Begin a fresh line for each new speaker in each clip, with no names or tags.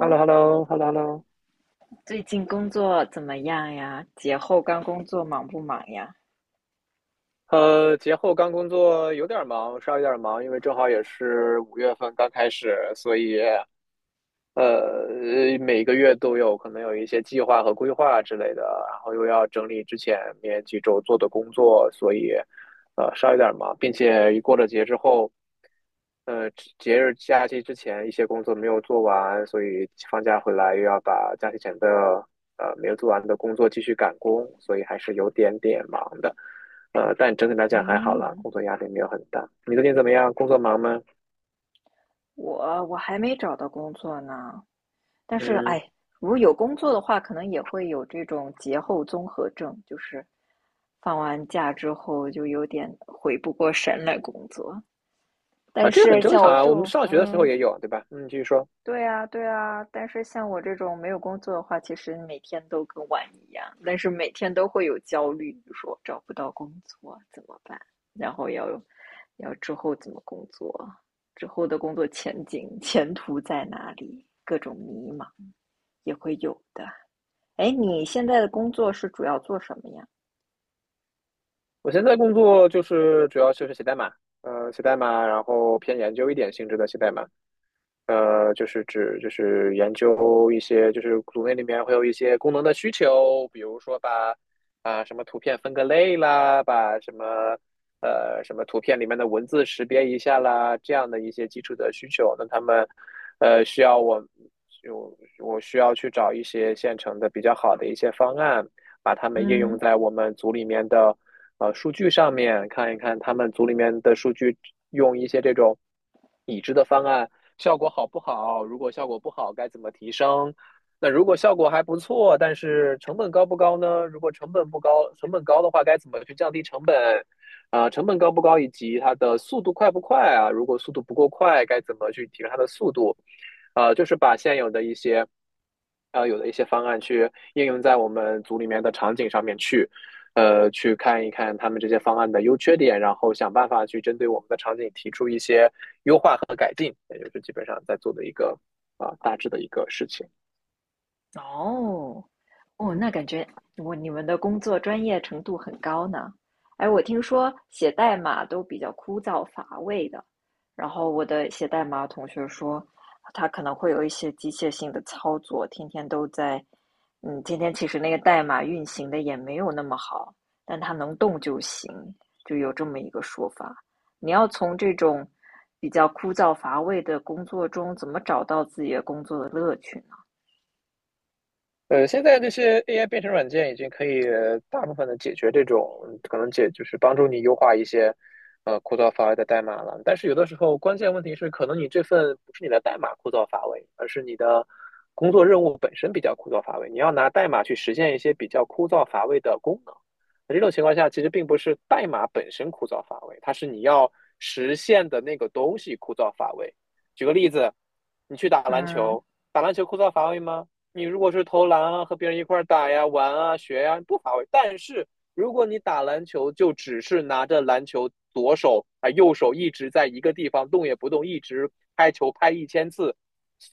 h e l l o h e l l o h e l l o h e l l o。
最近工作怎么样呀？节后刚工作忙不忙呀？
节后刚工作有点忙，稍微有点忙，因为正好也是五月份刚开始，所以呃，每个月都有可能有一些计划和规划之类的，然后又要整理之前面几周做的工作，所以稍微有点忙，并且一过了节之后。呃，节日假期之前一些工作没有做完，所以放假回来又要把假期前的没有做完的工作继续赶工，所以还是有点点忙的。但整体来讲还好啦，
嗯，
工作压力没有很大。你最近怎么样？工作忙吗？
我还没找到工作呢，但是
嗯，
哎，如果有工作的话，可能也会有这种节后综合症，就是放完假之后就有点回不过神来工作。
啊，
但
这个
是
很正
像
常
我
啊，
这
我们
种，
上学的时候
嗯，
也有，对吧？嗯，继续说。
对啊，对啊，但是像我这种没有工作的话，其实每天都跟玩一样，但是每天都会有焦虑，比如说找不到工作怎么办，然后要之后怎么工作，之后的工作前景、前途在哪里，各种迷茫也会有的。哎，你现在的工作是主要做什么呀？
我现在工作就是主要就是写代码，写代码，然后偏研究一点性质的写代码。就是指就是研究一些，就是组内里面会有一些功能的需求，比如说把啊、什么图片分个类啦，把什么什么图片里面的文字识别一下啦，这样的一些基础的需求。那他们需要我我需要去找一些现成的比较好的一些方案，把它们应用
嗯。
在我们组里面的数据上面，看一看他们组里面的数据用一些这种已知的方案。效果好不好？如果效果不好，该怎么提升？那如果效果还不错，但是成本高不高呢？如果成本不高，成本高的话，该怎么去降低成本？啊、成本高不高，以及它的速度快不快啊？如果速度不够快，该怎么去提升它的速度？就是把现有的一些，啊，有的一些方案去应用在我们组里面的场景上面去。去看一看他们这些方案的优缺点，然后想办法去针对我们的场景提出一些优化和改进，也就是基本上在做的一个啊、大致的一个事情。
哦，哦，那感觉你们的工作专业程度很高呢。哎，我听说写代码都比较枯燥乏味的，然后我的写代码同学说，他可能会有一些机械性的操作，天天都在，嗯，天天其实那个代码运行的也没有那么好，但它能动就行，就有这么一个说法。你要从这种比较枯燥乏味的工作中，怎么找到自己的工作的乐趣呢？
现在这些 AI 编程软件已经可以大部分的解决这种可能解，就是帮助你优化一些枯燥乏味的代码了。但是有的时候关键问题是，可能你这份不是你的代码枯燥乏味，而是你的工作任务本身比较枯燥乏味。你要拿代码去实现一些比较枯燥乏味的功能。那这种情况下，其实并不是代码本身枯燥乏味，它是你要实现的那个东西枯燥乏味。举个例子，你去打篮
嗯。
球，打篮球枯燥乏味吗？你如果是投篮啊，和别人一块儿打呀、玩啊、学呀，不乏味。但是如果你打篮球，就只是拿着篮球，左手啊、右手一直在一个地方动也不动，一直拍球拍1000次，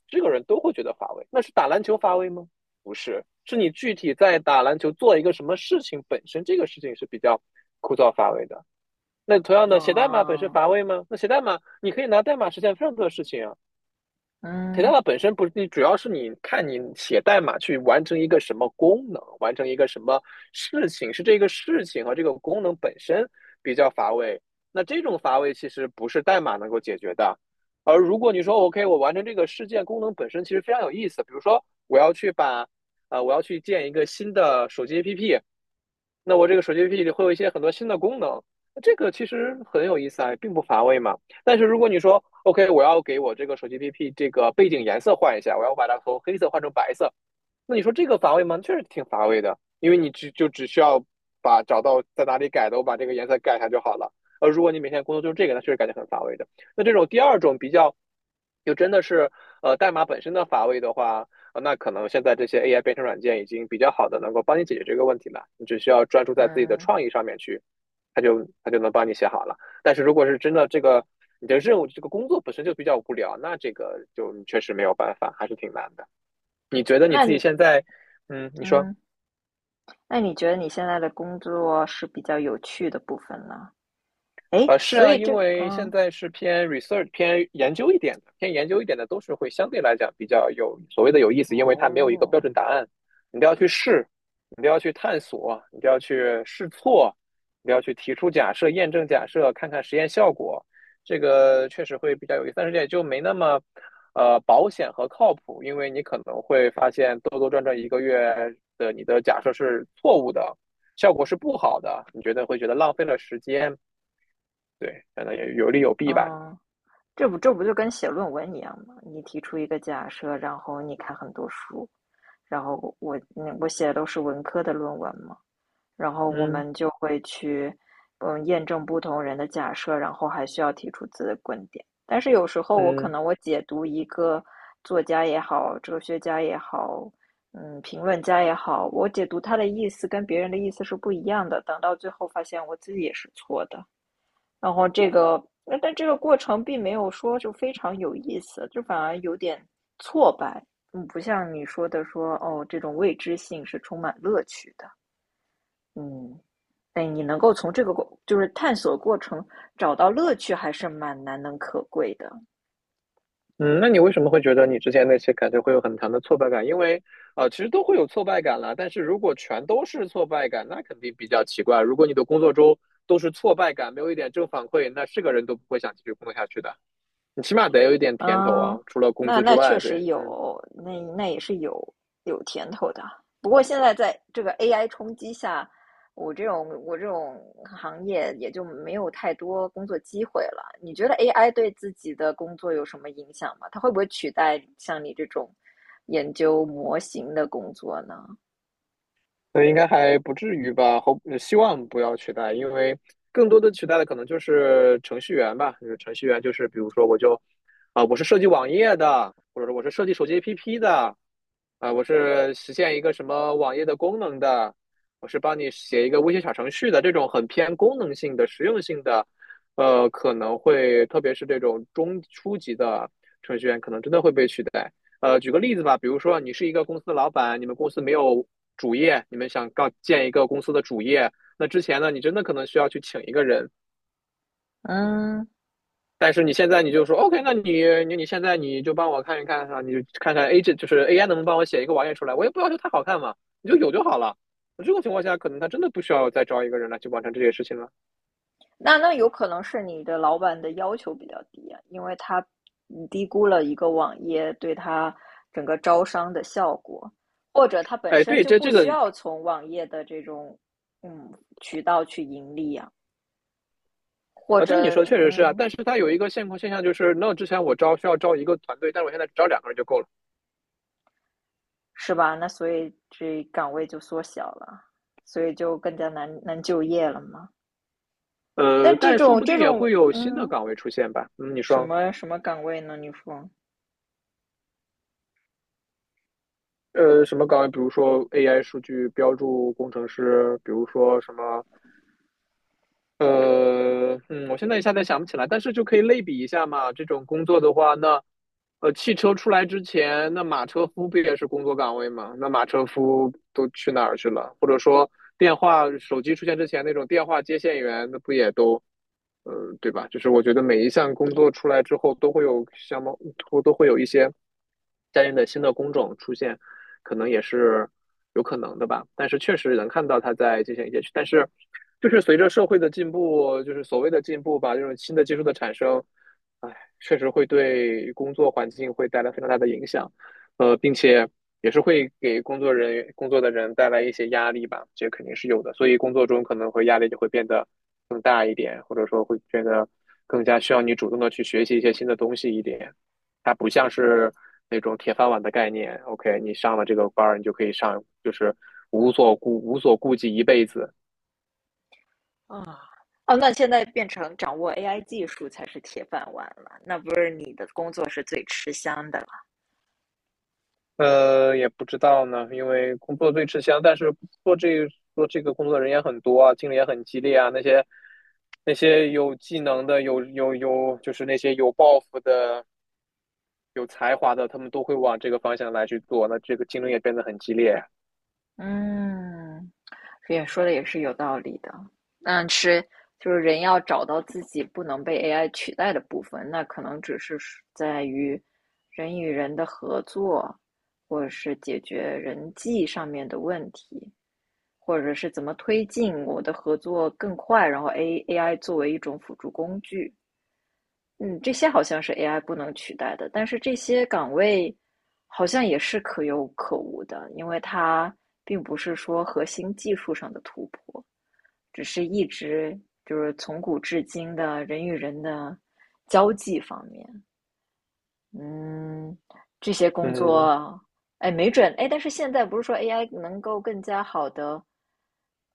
这个人都会觉得乏味。那是打篮球乏味吗？不是，是你具体在打篮球做一个什么事情本身，这个事情是比较枯燥乏味的。那同样的，写代码本身
哦，
乏味吗？那写代码你可以拿代码实现非常多的事情啊。k a t a
嗯
a 本身不是，你主要是你看你写代码去完成一个什么功能，完成一个什么事情，是这个事情和这个功能本身比较乏味。那这种乏味其实不是代码能够解决的。而如果你说 OK,我完成这个事件功能本身其实非常有意思，比如说我要去把，我要去建一个新的手机 APP,那我这个手机 APP 里会有一些很多新的功能，那这个其实很有意思啊，并不乏味嘛。但是如果你说 OK,我要给我这个手机 APP 这个背景颜色换一下，我要把它从黑色换成白色，那你说这个乏味吗？确实挺乏味的，因为你只就只需要把找到在哪里改的，我把这个颜色改一下就好了。如果你每天工作就是这个，那确实感觉很乏味的。那这种第二种比较，就真的是代码本身的乏味的话，呃那可能现在这些 AI 编程软件已经比较好的能够帮你解决这个问题了。你只需要专注在自己的
嗯，
创意上面去，它就能帮你写好了。但是如果是真的这个你的任务这个工作本身就比较无聊，那这个就你确实没有办法，还是挺难的。你觉得你
那
自己
你
现在，嗯，你说。
嗯，那你觉得你现在的工作是比较有趣的部分呢？诶，
是
所
啊，
以
因
这
为现
嗯，
在是偏 research、偏研究一点的，偏研究一点的都是会相对来讲比较有所谓的有意思，因为它没有一个标
哦，
准答案，你都要去试，你都要去探索，你都要去试错，你都要去提出假设、验证假设，看看实验效果，这个确实会比较有意思，但是也就没那么保险和靠谱，因为你可能会发现兜兜转转一个月的你的假设是错误的，效果是不好的，你觉得会觉得浪费了时间。对，反正也有利有弊吧。
嗯，这不就跟写论文一样吗？你提出一个假设，然后你看很多书，然后我写的都是文科的论文嘛。然后我
嗯，
们就会去，嗯，验证不同人的假设，然后还需要提出自己的观点。但是有时候我可
嗯，
能我解读一个作家也好，哲学家也好，嗯，评论家也好，我解读他的意思跟别人的意思是不一样的。等到最后发现我自己也是错的，然后这个，但这个过程并没有说就非常有意思，就反而有点挫败。嗯，不像你说的说哦，这种未知性是充满乐趣的。嗯，哎，你能够从这个过，就是探索过程找到乐趣，还是蛮难能可贵的。
嗯，那你为什么会觉得你之前那些感觉会有很强的挫败感？因为啊，其实都会有挫败感啦，但是如果全都是挫败感，那肯定比较奇怪。如果你的工作中都是挫败感，没有一点正反馈，那是个人都不会想继续工作下去的。你起码得有一点甜头啊，
嗯，
除了工
那
资之
那确
外，
实
对，嗯。
有，那也是有甜头的。不过现在在这个 AI 冲击下，我这种行业也就没有太多工作机会了。你觉得 AI 对自己的工作有什么影响吗？它会不会取代像你这种研究模型的工作呢？
那应该还不至于吧？后希望不要取代，因为更多的取代的可能就是程序员吧。就是程序员，就是比如说我就啊、我是设计网页的，或者说我是设计手机 APP 的，啊、我是实现一个什么网页的功能的，我是帮你写一个微信小程序的，这种很偏功能性的、实用性的，可能会特别是这种中初级的程序员，可能真的会被取代。举个例子吧，比如说你是一个公司的老板，你们公司没有主业，你们想搞建一个公司的主业，那之前呢，你真的可能需要去请一个人，
嗯。
但是你现在你就说 OK,那你你现在你就帮我看一看啊，你就看看 A 这就是 AI 能不能帮我写一个网页出来，我也不要求它好看嘛，你就有就好了。那这种情况下，可能他真的不需要再招一个人来去完成这些事情了。
那那有可能是你的老板的要求比较低啊，因为他你低估了一个网页对他整个招商的效果，或者他本
哎，
身
对，
就
这
不
这
需
个
要从网页的这种嗯渠道去盈利啊，或
啊，这你
者
说的确实是啊，
嗯
但是它有一个现况现象就是，那之前我招需要招一个团队，但是我现在只招两个人就够了。
是吧？那所以这岗位就缩小了，所以就更加难就业了嘛。但这
但说
种
不定
这
也
种
会有新的
嗯
岗位出现吧。嗯，你说，
什么岗位呢？你说？
什么岗位？比如说 AI 数据标注工程师，比如说什么，呃，嗯，我现在一下子想不起来，但是就可以类比一下嘛。这种工作的话，那，汽车出来之前，那马车夫不也是工作岗位吗？那马车夫都去哪儿去了？或者说，电话手机出现之前，那种电话接线员，那不也都对吧？就是我觉得每一项工作出来之后，都会有相貌，都会有一些相应的新的工种出现，可能也是有可能的吧。但是确实能看到它在进行一些，但是就是随着社会的进步，就是所谓的进步吧，这种新的技术的产生，哎，确实会对工作环境会带来非常大的影响，并且也是会给工作人员、工作的人带来一些压力吧，这肯定是有的。所以工作中可能会压力就会变得更大一点，或者说会变得更加需要你主动的去学习一些新的东西一点。它不像是那种铁饭碗的概念，OK,你上了这个班儿你就可以上，就是无所顾忌一辈子。
哦，那现在变成掌握 AI 技术才是铁饭碗了，那不是你的工作是最吃香的了。
也不知道呢，因为工作最吃香，但是做这做这个工作的人也很多啊，竞争也很激烈啊。那些有技能的，有，就是那些有抱负的、有才华的，他们都会往这个方向来去做，那这个竞争也变得很激烈啊。
嗯，也说的也是有道理的。嗯，是，就是人要找到自己不能被 AI 取代的部分，那可能是在于人与人的合作，或者是解决人际上面的问题，或者是怎么推进我的合作更快，然后 AI 作为一种辅助工具。嗯，这些好像是 AI 不能取代的，但是这些岗位好像也是可有可无的，因为它并不是说核心技术上的突破，只是一直就是从古至今的人与人的交际方面，嗯，这些工
嗯，
作，哎，没准，哎，但是现在不是说 AI 能够更加好的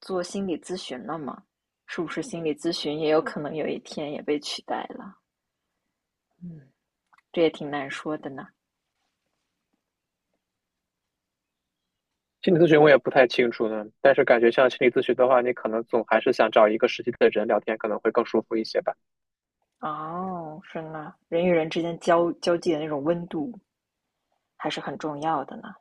做心理咨询了吗？是不是心理咨询也有可能有一天也被取代了？嗯。这也挺难说的呢。
心理咨询我也不太清楚呢，但是感觉像心理咨询的话，你可能总还是想找一个实际的人聊天，可能会更舒服一些吧。
哦，是呢，人与人之间交际的那种温度还是很重要的呢。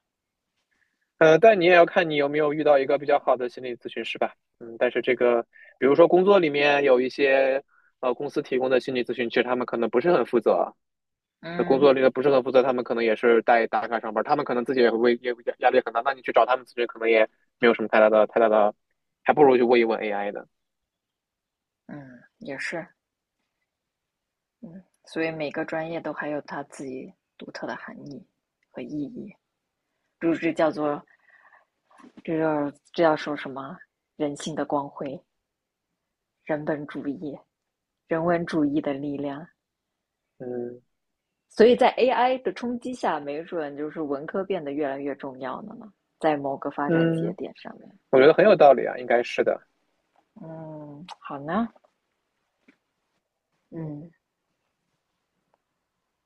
但你也要看你有没有遇到一个比较好的心理咨询师吧。嗯，但是这个，比如说工作里面有一些公司提供的心理咨询，其实他们可能不是很负责。那工
嗯
作里的不是很负责，他们可能也是带打卡上班，他们可能自己也会也压压力很大。那你去找他们咨询，可能也没有什么太大的，还不如去问一问 AI 呢。
嗯，也是，嗯，所以每个专业都还有它自己独特的含义和意义，这这叫做这叫这叫说什么？人性的光辉，人本主义，人文主义的力量。
嗯，
所以在 AI 的冲击下，没准就是文科变得越来越重要了呢，在某个发展节
嗯，
点上面。
我觉得很有道理啊，应该是的。
嗯，好呢，嗯，